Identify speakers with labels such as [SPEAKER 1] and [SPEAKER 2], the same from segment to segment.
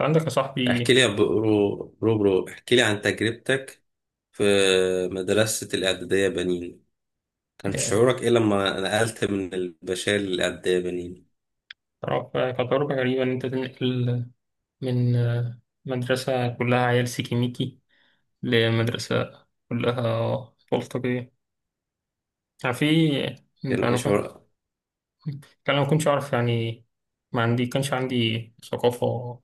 [SPEAKER 1] عندك يا
[SPEAKER 2] احكي
[SPEAKER 1] صاحبي.
[SPEAKER 2] لي يا برو برو برو احكي لي عن تجربتك في مدرسة الإعدادية بنين. كان
[SPEAKER 1] آه،
[SPEAKER 2] شعورك إيه لما نقلت من البشال للإعدادية بنين؟
[SPEAKER 1] تعرف كتجربة غريبة إن أنت تنقل من مدرسة كلها عيال سيكيميكي لمدرسة كلها أطفال طبيعية. يعني في
[SPEAKER 2] كان إيه
[SPEAKER 1] أنا كنت.
[SPEAKER 2] شعورك؟
[SPEAKER 1] يعني أنا ما كنتش أعرف يعني. ما عندي كانش عندي ثقافة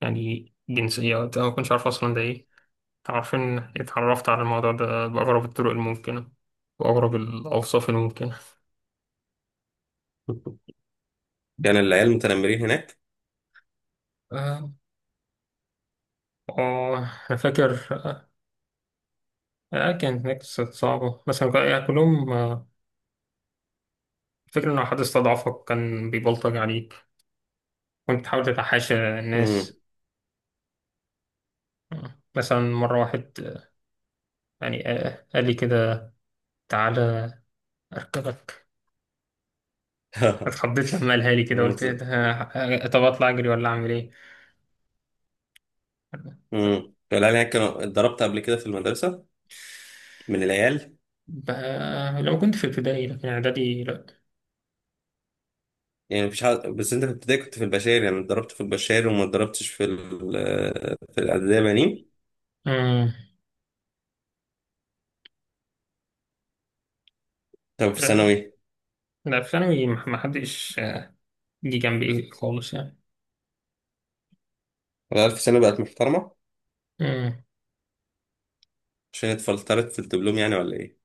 [SPEAKER 1] يعني جنسية وقتها، ما كنتش أعرف أصلا ده إيه. عارفين اتعرفت على الموضوع ده بأغرب الطرق الممكنة وأغرب الأوصاف الممكنة.
[SPEAKER 2] كان العيال متنمرين هناك؟
[SPEAKER 1] آه آه، أنا فاكر. كانت هناك ست صعبة بس يعني كلهم، الفكرة إن لو حد استضعفك كان بيبلطج عليك. كنت تحاول تتحاشى
[SPEAKER 2] امم
[SPEAKER 1] الناس. مثلا مرة واحد يعني قال لي كده تعالى أركبك. اتخضيت لما قالها لي كده،
[SPEAKER 2] امم
[SPEAKER 1] قلت إيه ده؟ طب أطلع أجري ولا أعمل إيه؟
[SPEAKER 2] العيال هناك كانوا اتضربت قبل كده في المدرسة من العيال؟
[SPEAKER 1] بقى لو كنت في ابتدائي لكن إعدادي لأ.
[SPEAKER 2] يعني مفيش حد، بس أنت في ابتدائي كنت في البشال، يعني اتضربت في البشال وما اتضربتش في في الإعدادية بنين.
[SPEAKER 1] مم.
[SPEAKER 2] طب في
[SPEAKER 1] لا،
[SPEAKER 2] ثانوي؟
[SPEAKER 1] لا في ثانوي محدش جه جنبي خالص يعني.
[SPEAKER 2] العيال في ثانوي بقت محترمة
[SPEAKER 1] مم.
[SPEAKER 2] عشان اتفلترت في الدبلوم يعني ولا إيه؟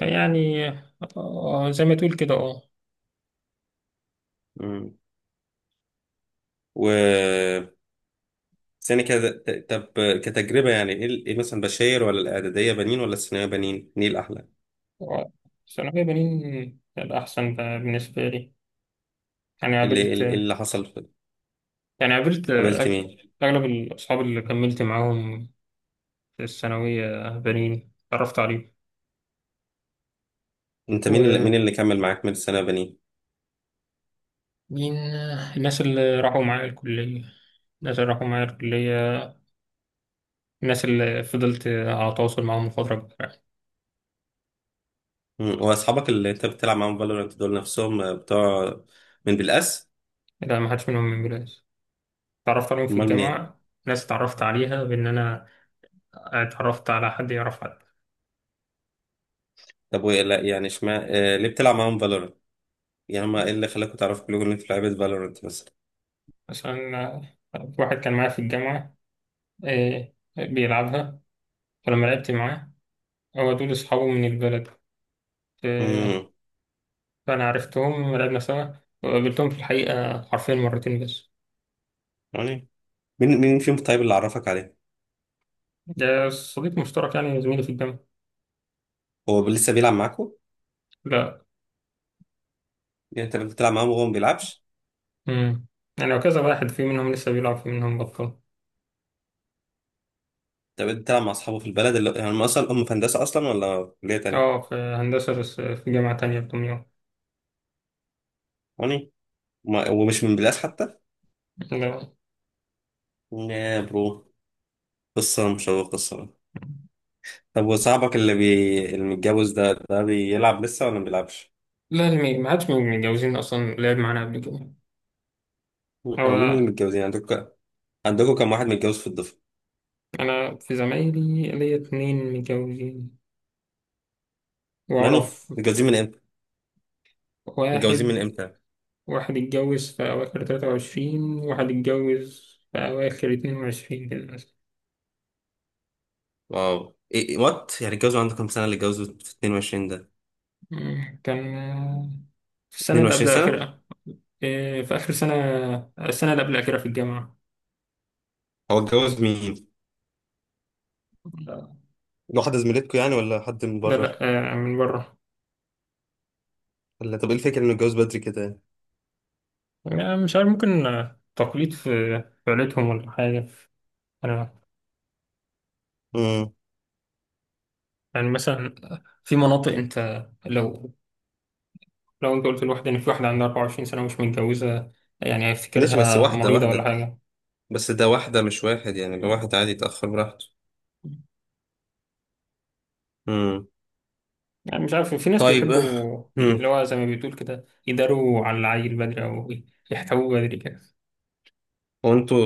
[SPEAKER 1] يعني زي ما تقول كده، اه.
[SPEAKER 2] مم. و بس يعني كده طب، كتجربة يعني إيه مثلا، بشاير ولا الإعدادية بنين ولا الثانوية بنين؟ مين الأحلى؟
[SPEAKER 1] آه، ثانوية بنين الأحسن بالنسبة لي. يعني
[SPEAKER 2] إيه اللي إيه
[SPEAKER 1] قابلت،
[SPEAKER 2] اللي إيه اللي حصل؟
[SPEAKER 1] يعني قابلت
[SPEAKER 2] قابلت
[SPEAKER 1] أغ-
[SPEAKER 2] مين؟
[SPEAKER 1] أغلب الأصحاب اللي كملت معاهم في الثانوية بنين اتعرفت عليهم.
[SPEAKER 2] أنت مين اللي كمل معاك من الثانوية بنين؟
[SPEAKER 1] ومين الناس اللي راحوا معايا الكلية، الناس اللي راحوا معايا الكلية، الناس اللي فضلت على تواصل معاهم فترة كبيرة.
[SPEAKER 2] مم. وأصحابك اللي أنت بتلعب معاهم فالورانت دول نفسهم، بتوع من بالأس؟
[SPEAKER 1] لا، ما حدش منهم من بلاد، اتعرفت عليهم في
[SPEAKER 2] أمال من إيه؟
[SPEAKER 1] الجامعة. ناس اتعرفت عليها بإن أنا اتعرفت على حد يعرف حد.
[SPEAKER 2] طب وإيه لا يعني اشمعنى، ليه بتلعب معاهم فالورانت؟ يعني هما إيه اللي خلاكوا تعرفوا كلكم إن أنتوا لعيبة فالورانت مثلا؟
[SPEAKER 1] مثلا واحد كان معايا في الجامعة، إيه بيلعبها، فلما لعبت معاه، هو دول أصحابه من البلد، إيه،
[SPEAKER 2] مم.
[SPEAKER 1] فأنا عرفتهم لعبنا سوا، وقابلتهم في الحقيقة حرفيا مرتين بس.
[SPEAKER 2] يعني مين مين فيهم طيب اللي عرفك عليه؟
[SPEAKER 1] ده صديق مشترك يعني زميلي في الجامعة.
[SPEAKER 2] هو لسه بيلعب معاكوا؟
[SPEAKER 1] لا.
[SPEAKER 2] يعني أنت بتلعب معاهم وهو ما بيلعبش؟
[SPEAKER 1] امم. يعني وكذا واحد في منهم لسه بيلعب، في منهم بطل.
[SPEAKER 2] طب انت بتلعب مع اصحابه في البلد، اللي هم في هندسه اصلا ولا في كليه تانية؟
[SPEAKER 1] اه في هندسة، بس في جامعة تانية في دمياط.
[SPEAKER 2] هوني، ومش من بلاس حتى؟
[SPEAKER 1] لا.
[SPEAKER 2] يا برو، قصه مشوقه الصراحه. طب وصاحبك اللي اللي متجوز ده بيلعب لسه ولا ما بيلعبش؟
[SPEAKER 1] لا، اللي ما حدش من المتجوزين أصلا لعب معانا قبل كده
[SPEAKER 2] او مين اللي
[SPEAKER 1] هو.
[SPEAKER 2] متجوزين عندكم؟ عندكم كم واحد متجوز في الدفعه؟
[SPEAKER 1] أنا في زمايلي ليا 2 متجوزين
[SPEAKER 2] ناني،
[SPEAKER 1] وأعرف
[SPEAKER 2] متجوزين من امتى؟ متجوزين من
[SPEAKER 1] واحد.
[SPEAKER 2] امتى؟
[SPEAKER 1] واحد اتجوز في أواخر 23، واحد اتجوز في أواخر 22 كده مثلا.
[SPEAKER 2] واو، ايه وات، يعني اتجوزوا عندكم كام سنه اللي اتجوزوا في 22 ده؟
[SPEAKER 1] مم، كان في السنة اللي
[SPEAKER 2] 22
[SPEAKER 1] قبل
[SPEAKER 2] سنه؟
[SPEAKER 1] الأخيرة. في آخر سنة، السنة اللي قبل الأخيرة في الجامعة.
[SPEAKER 2] هو اتجوز مين؟
[SPEAKER 1] لا.
[SPEAKER 2] واحدة زميلتكم يعني ولا حد من
[SPEAKER 1] لا، لا،
[SPEAKER 2] بره؟
[SPEAKER 1] من بره.
[SPEAKER 2] ولا طب ايه الفكرة انه اتجوز بدري كده؟
[SPEAKER 1] يعني مش عارف، ممكن تقليد في عيلتهم ولا حاجة. أنا
[SPEAKER 2] يعني؟
[SPEAKER 1] يعني مثلا في مناطق أنت لو لو أنت قلت لواحد إن في واحدة عندها 24 سنة ومش متجوزة، يعني
[SPEAKER 2] ماشي، بس
[SPEAKER 1] هيفتكرها
[SPEAKER 2] واحدة
[SPEAKER 1] مريضة ولا
[SPEAKER 2] واحدة.
[SPEAKER 1] حاجة.
[SPEAKER 2] بس ده واحدة مش واحد، يعني ده واحد عادي يتأخر براحته. امم
[SPEAKER 1] يعني مش عارف في ناس
[SPEAKER 2] طيب.
[SPEAKER 1] بيحبوا اللي
[SPEAKER 2] امم
[SPEAKER 1] هو زي ما بتقول كده، يداروا على العيل بدري أو يحتووه بدري كده.
[SPEAKER 2] وانتوا،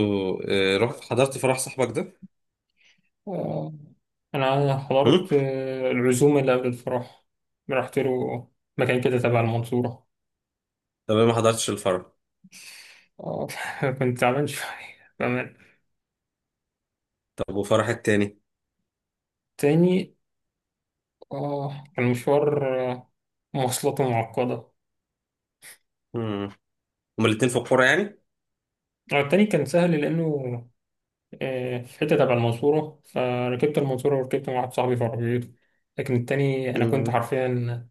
[SPEAKER 2] رحت حضرت فرح صاحبك ده؟
[SPEAKER 1] آه، أنا
[SPEAKER 2] امم
[SPEAKER 1] حضرت العزومة اللي قبل الفرح. رحت له مكان كده تبع المنصورة.
[SPEAKER 2] طب أنا ما حضرتش الفرح.
[SPEAKER 1] آه، كنت تعبان شوية بأمان.
[SPEAKER 2] طب وفرح التاني؟
[SPEAKER 1] تاني، كان مشوار مواصلاته معقدة.
[SPEAKER 2] امم هما الاتنين في القرى يعني؟
[SPEAKER 1] التاني كان سهل لأنه في حتة تبع المنصورة، فركبت المنصورة وركبت مع واحد صاحبي في عربيته. لكن التاني أنا كنت
[SPEAKER 2] امم
[SPEAKER 1] حرفيا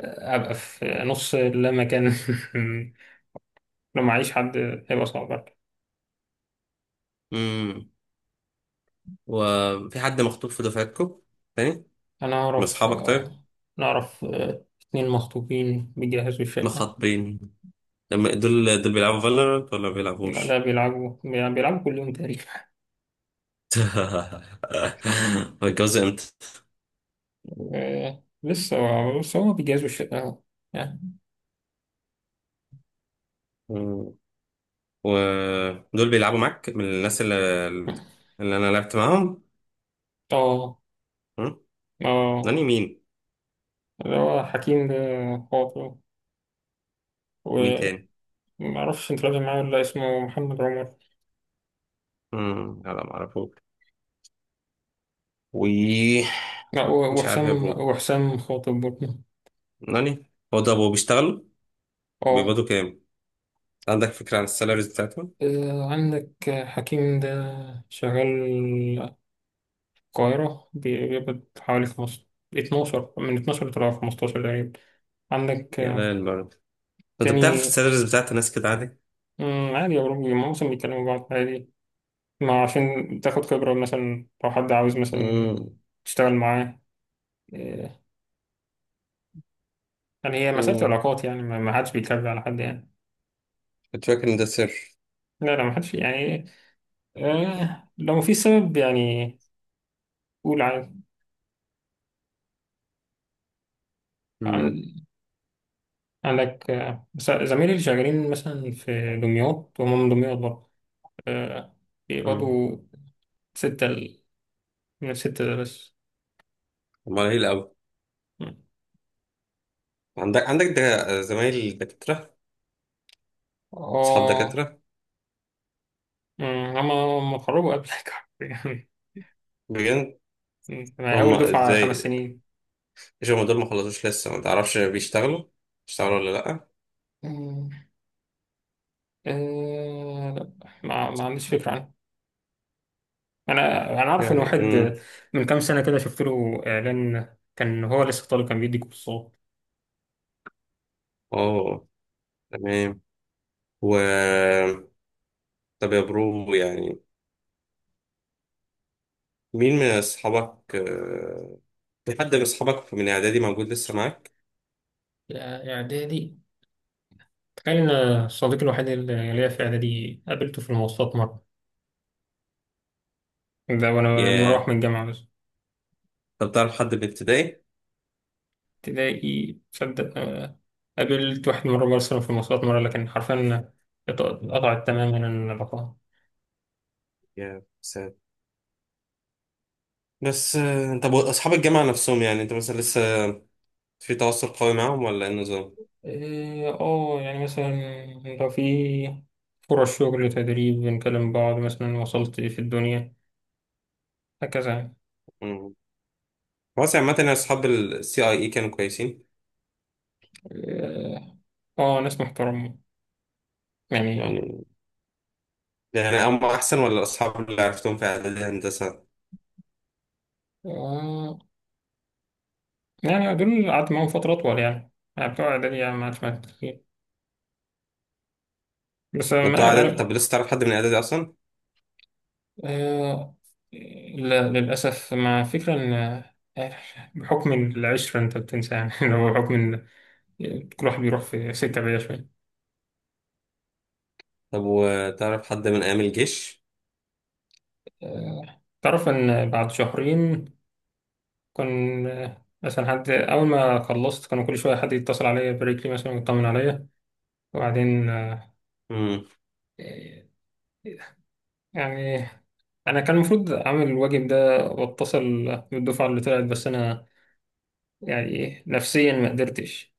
[SPEAKER 1] ابقى في نص اللامكان. لو معيش حد هيبقى صعب برضه.
[SPEAKER 2] امم وفي حد مخطوب في دفعتكم تاني؟
[SPEAKER 1] انا
[SPEAKER 2] من
[SPEAKER 1] اعرف،
[SPEAKER 2] أصحابك طيب؟
[SPEAKER 1] نعرف 2 مخطوبين بيجهزوا الشقة.
[SPEAKER 2] مخاطبين، لما دول بيلعبوا فالورانت ولا ما
[SPEAKER 1] لا ده
[SPEAKER 2] بيلعبوش؟
[SPEAKER 1] بيلعبوا كل يوم تقريبا.
[SPEAKER 2] هيتجوزوا
[SPEAKER 1] لسه، بس هما بيجهزوا الشقة أهو. يعني.
[SPEAKER 2] امتى؟ ودول بيلعبوا معاك من الناس اللي, اللي انا لعبت معاهم.
[SPEAKER 1] اه،
[SPEAKER 2] م؟ ناني
[SPEAKER 1] اه،
[SPEAKER 2] مين؟
[SPEAKER 1] اللي هو حكيم ده، خاطر.
[SPEAKER 2] ومين تاني؟
[SPEAKER 1] ومعرفش انت لازم معاه ولا لأ، اسمه محمد عمر.
[SPEAKER 2] مم. لا، ما اعرفوش. و
[SPEAKER 1] لا
[SPEAKER 2] مش عارف يا
[SPEAKER 1] وحسام،
[SPEAKER 2] برو.
[SPEAKER 1] خاطر برضه.
[SPEAKER 2] ناني، هو ده ابو بيشتغلوا؟
[SPEAKER 1] اه،
[SPEAKER 2] بيقبضوا كام؟ عندك فكرة عن السالاريز بتاعتهم؟
[SPEAKER 1] عندك حكيم ده شغال القاهرة، بيقبض حوالي 12، من 12 لطلع 15 تقريبا. عندك
[SPEAKER 2] يا لا البرد! انت بتعرف
[SPEAKER 1] تاني،
[SPEAKER 2] السالاريز بتاعت الناس كده عادي؟
[SPEAKER 1] مم، عادي يا أوروبي، معظم بيتكلموا بعض عادي، ما عشان تاخد خبرة مثلا، لو حد عاوز مثلا
[SPEAKER 2] مم.
[SPEAKER 1] تشتغل معاه. آه، يعني هي مسألة
[SPEAKER 2] مم.
[SPEAKER 1] علاقات يعني، ما حدش بيكذب على حد يعني.
[SPEAKER 2] كنت فاكر ان ده سر.
[SPEAKER 1] لا، لا، ما حدش يعني، لو مفيش سبب يعني قول
[SPEAKER 2] مم.
[SPEAKER 1] عادي. عندك بس زمايلي اللي شغالين مثلا في دمياط وهم من دمياط برضه، آه،
[SPEAKER 2] مم.
[SPEAKER 1] بيقبضوا ستة ال- من الستة ده بس.
[SPEAKER 2] امال ايه الاول؟ عندك ده زمايل دكاترة؟ اصحاب
[SPEAKER 1] اه.
[SPEAKER 2] دكاترة؟
[SPEAKER 1] مم، هما اتخرجوا قبلك.
[SPEAKER 2] بجد؟
[SPEAKER 1] يعني أنا
[SPEAKER 2] هم
[SPEAKER 1] أول دفعة خمس
[SPEAKER 2] ازاي؟
[SPEAKER 1] سنين
[SPEAKER 2] مش هم دول ما خلصوش لسه، ما تعرفش بيشتغلوا ولا لأ؟
[SPEAKER 1] مم، لا، ما عنديش فكرة عنه. أنا أعرف إن
[SPEAKER 2] يعني،
[SPEAKER 1] واحد من كام سنة كده شفت له إعلان، كان هو لسه طالب كان بيدي كورسات.
[SPEAKER 2] اه، تمام. و طب يا برو، يعني مين من أصحابك آه، في حد من أصحابك من إعدادي موجود لسه معاك؟
[SPEAKER 1] يا- يا إعدادي، تخيل إن صديقي الوحيد اللي ليا في إعدادي قابلته في المواصلات مرة، ده وانا
[SPEAKER 2] ياه.
[SPEAKER 1] مروح من الجامعة بس.
[SPEAKER 2] طب تعرف حد من ابتدائي؟
[SPEAKER 1] تلاقي تصدق، قابلت واحد مرة برسله في المواصلات مرة، لكن حرفيا اتقطعت تماما العلاقة.
[SPEAKER 2] ياه، ساد. بس، طب أصحاب الجامعة نفسهم، يعني أنت مثلا لسه في تواصل قوي معاهم ولا إيه النظام؟
[SPEAKER 1] اه، يعني مثلا لو في فرص شغل تدريب بنكلم بعض مثلا، وصلت في الدنيا هكذا يعني.
[SPEAKER 2] مم. خلاص، عامة يعني أصحاب السي أي إي كانوا كويسين.
[SPEAKER 1] اه، ناس محترمة يعني.
[SPEAKER 2] يعني، يعني هم أحسن ولا الأصحاب اللي عرفتهم في إعدادي هندسة؟
[SPEAKER 1] آه، يعني دول قعدت معاهم فترة أطول يعني، يعني بتوع إعدادي يعني ما عادش معايا كتير، بس
[SPEAKER 2] ده بتوع
[SPEAKER 1] ما
[SPEAKER 2] اعدادي،
[SPEAKER 1] أنا،
[SPEAKER 2] طب لسه تعرف حد من اعدادي اصلا؟
[SPEAKER 1] آه، لا للأسف، مع فكرة إن بحكم العشرة أنت بتنسى يعني. لو بحكم إن كل واحد بيروح في سكة بعيدة شوية.
[SPEAKER 2] طب وتعرف حد من ايام الجيش؟
[SPEAKER 1] تعرف إن بعد شهرين كان، مثلا حد، أول ما خلصت كانوا كل شوية حد يتصل عليا يبارك لي مثلا ويطمن عليا. وبعدين
[SPEAKER 2] امم
[SPEAKER 1] يعني أنا كان المفروض أعمل الواجب ده وأتصل بالدفعة اللي طلعت، بس أنا يعني نفسيا ما قدرتش.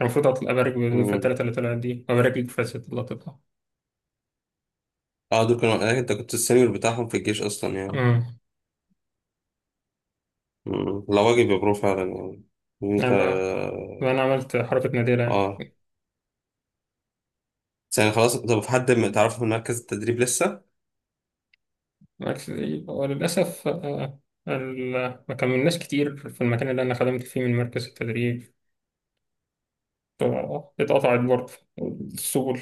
[SPEAKER 1] المفروض أطلع أبارك في
[SPEAKER 2] امم
[SPEAKER 1] التلاتة اللي طلعت دي وأبارك لك في الست اللي هتطلع.
[SPEAKER 2] اه، دول كانوا آه، انت كنت السينيور بتاعهم في الجيش اصلا يعني؟
[SPEAKER 1] أمم.
[SPEAKER 2] لا، واجب يا برو فعلا يعني، إن
[SPEAKER 1] أنا
[SPEAKER 2] انت.
[SPEAKER 1] بقى أنا عملت حركة نادرة يعني.
[SPEAKER 2] اه. بس يعني خلاص، طب في حد ما تعرفه من مركز التدريب لسه؟
[SPEAKER 1] بس- وللأسف ما كملناش كتير في المكان اللي أنا خدمت فيه من مركز التدريب، ف- اتقطعت برضه السبل.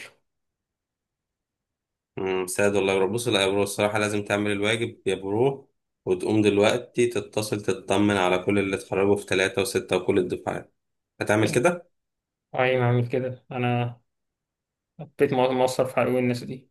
[SPEAKER 2] سعد والله يا برو. بص، لا يا برو الصراحه لازم تعمل الواجب يا برو، وتقوم دلوقتي تتصل تطمن على كل اللي اتخرجوا في ثلاثة وستة وكل الدفعات. هتعمل كده؟
[SPEAKER 1] أي ما أعمل كده، أنا بقيت مقصر في حقوق الناس دي.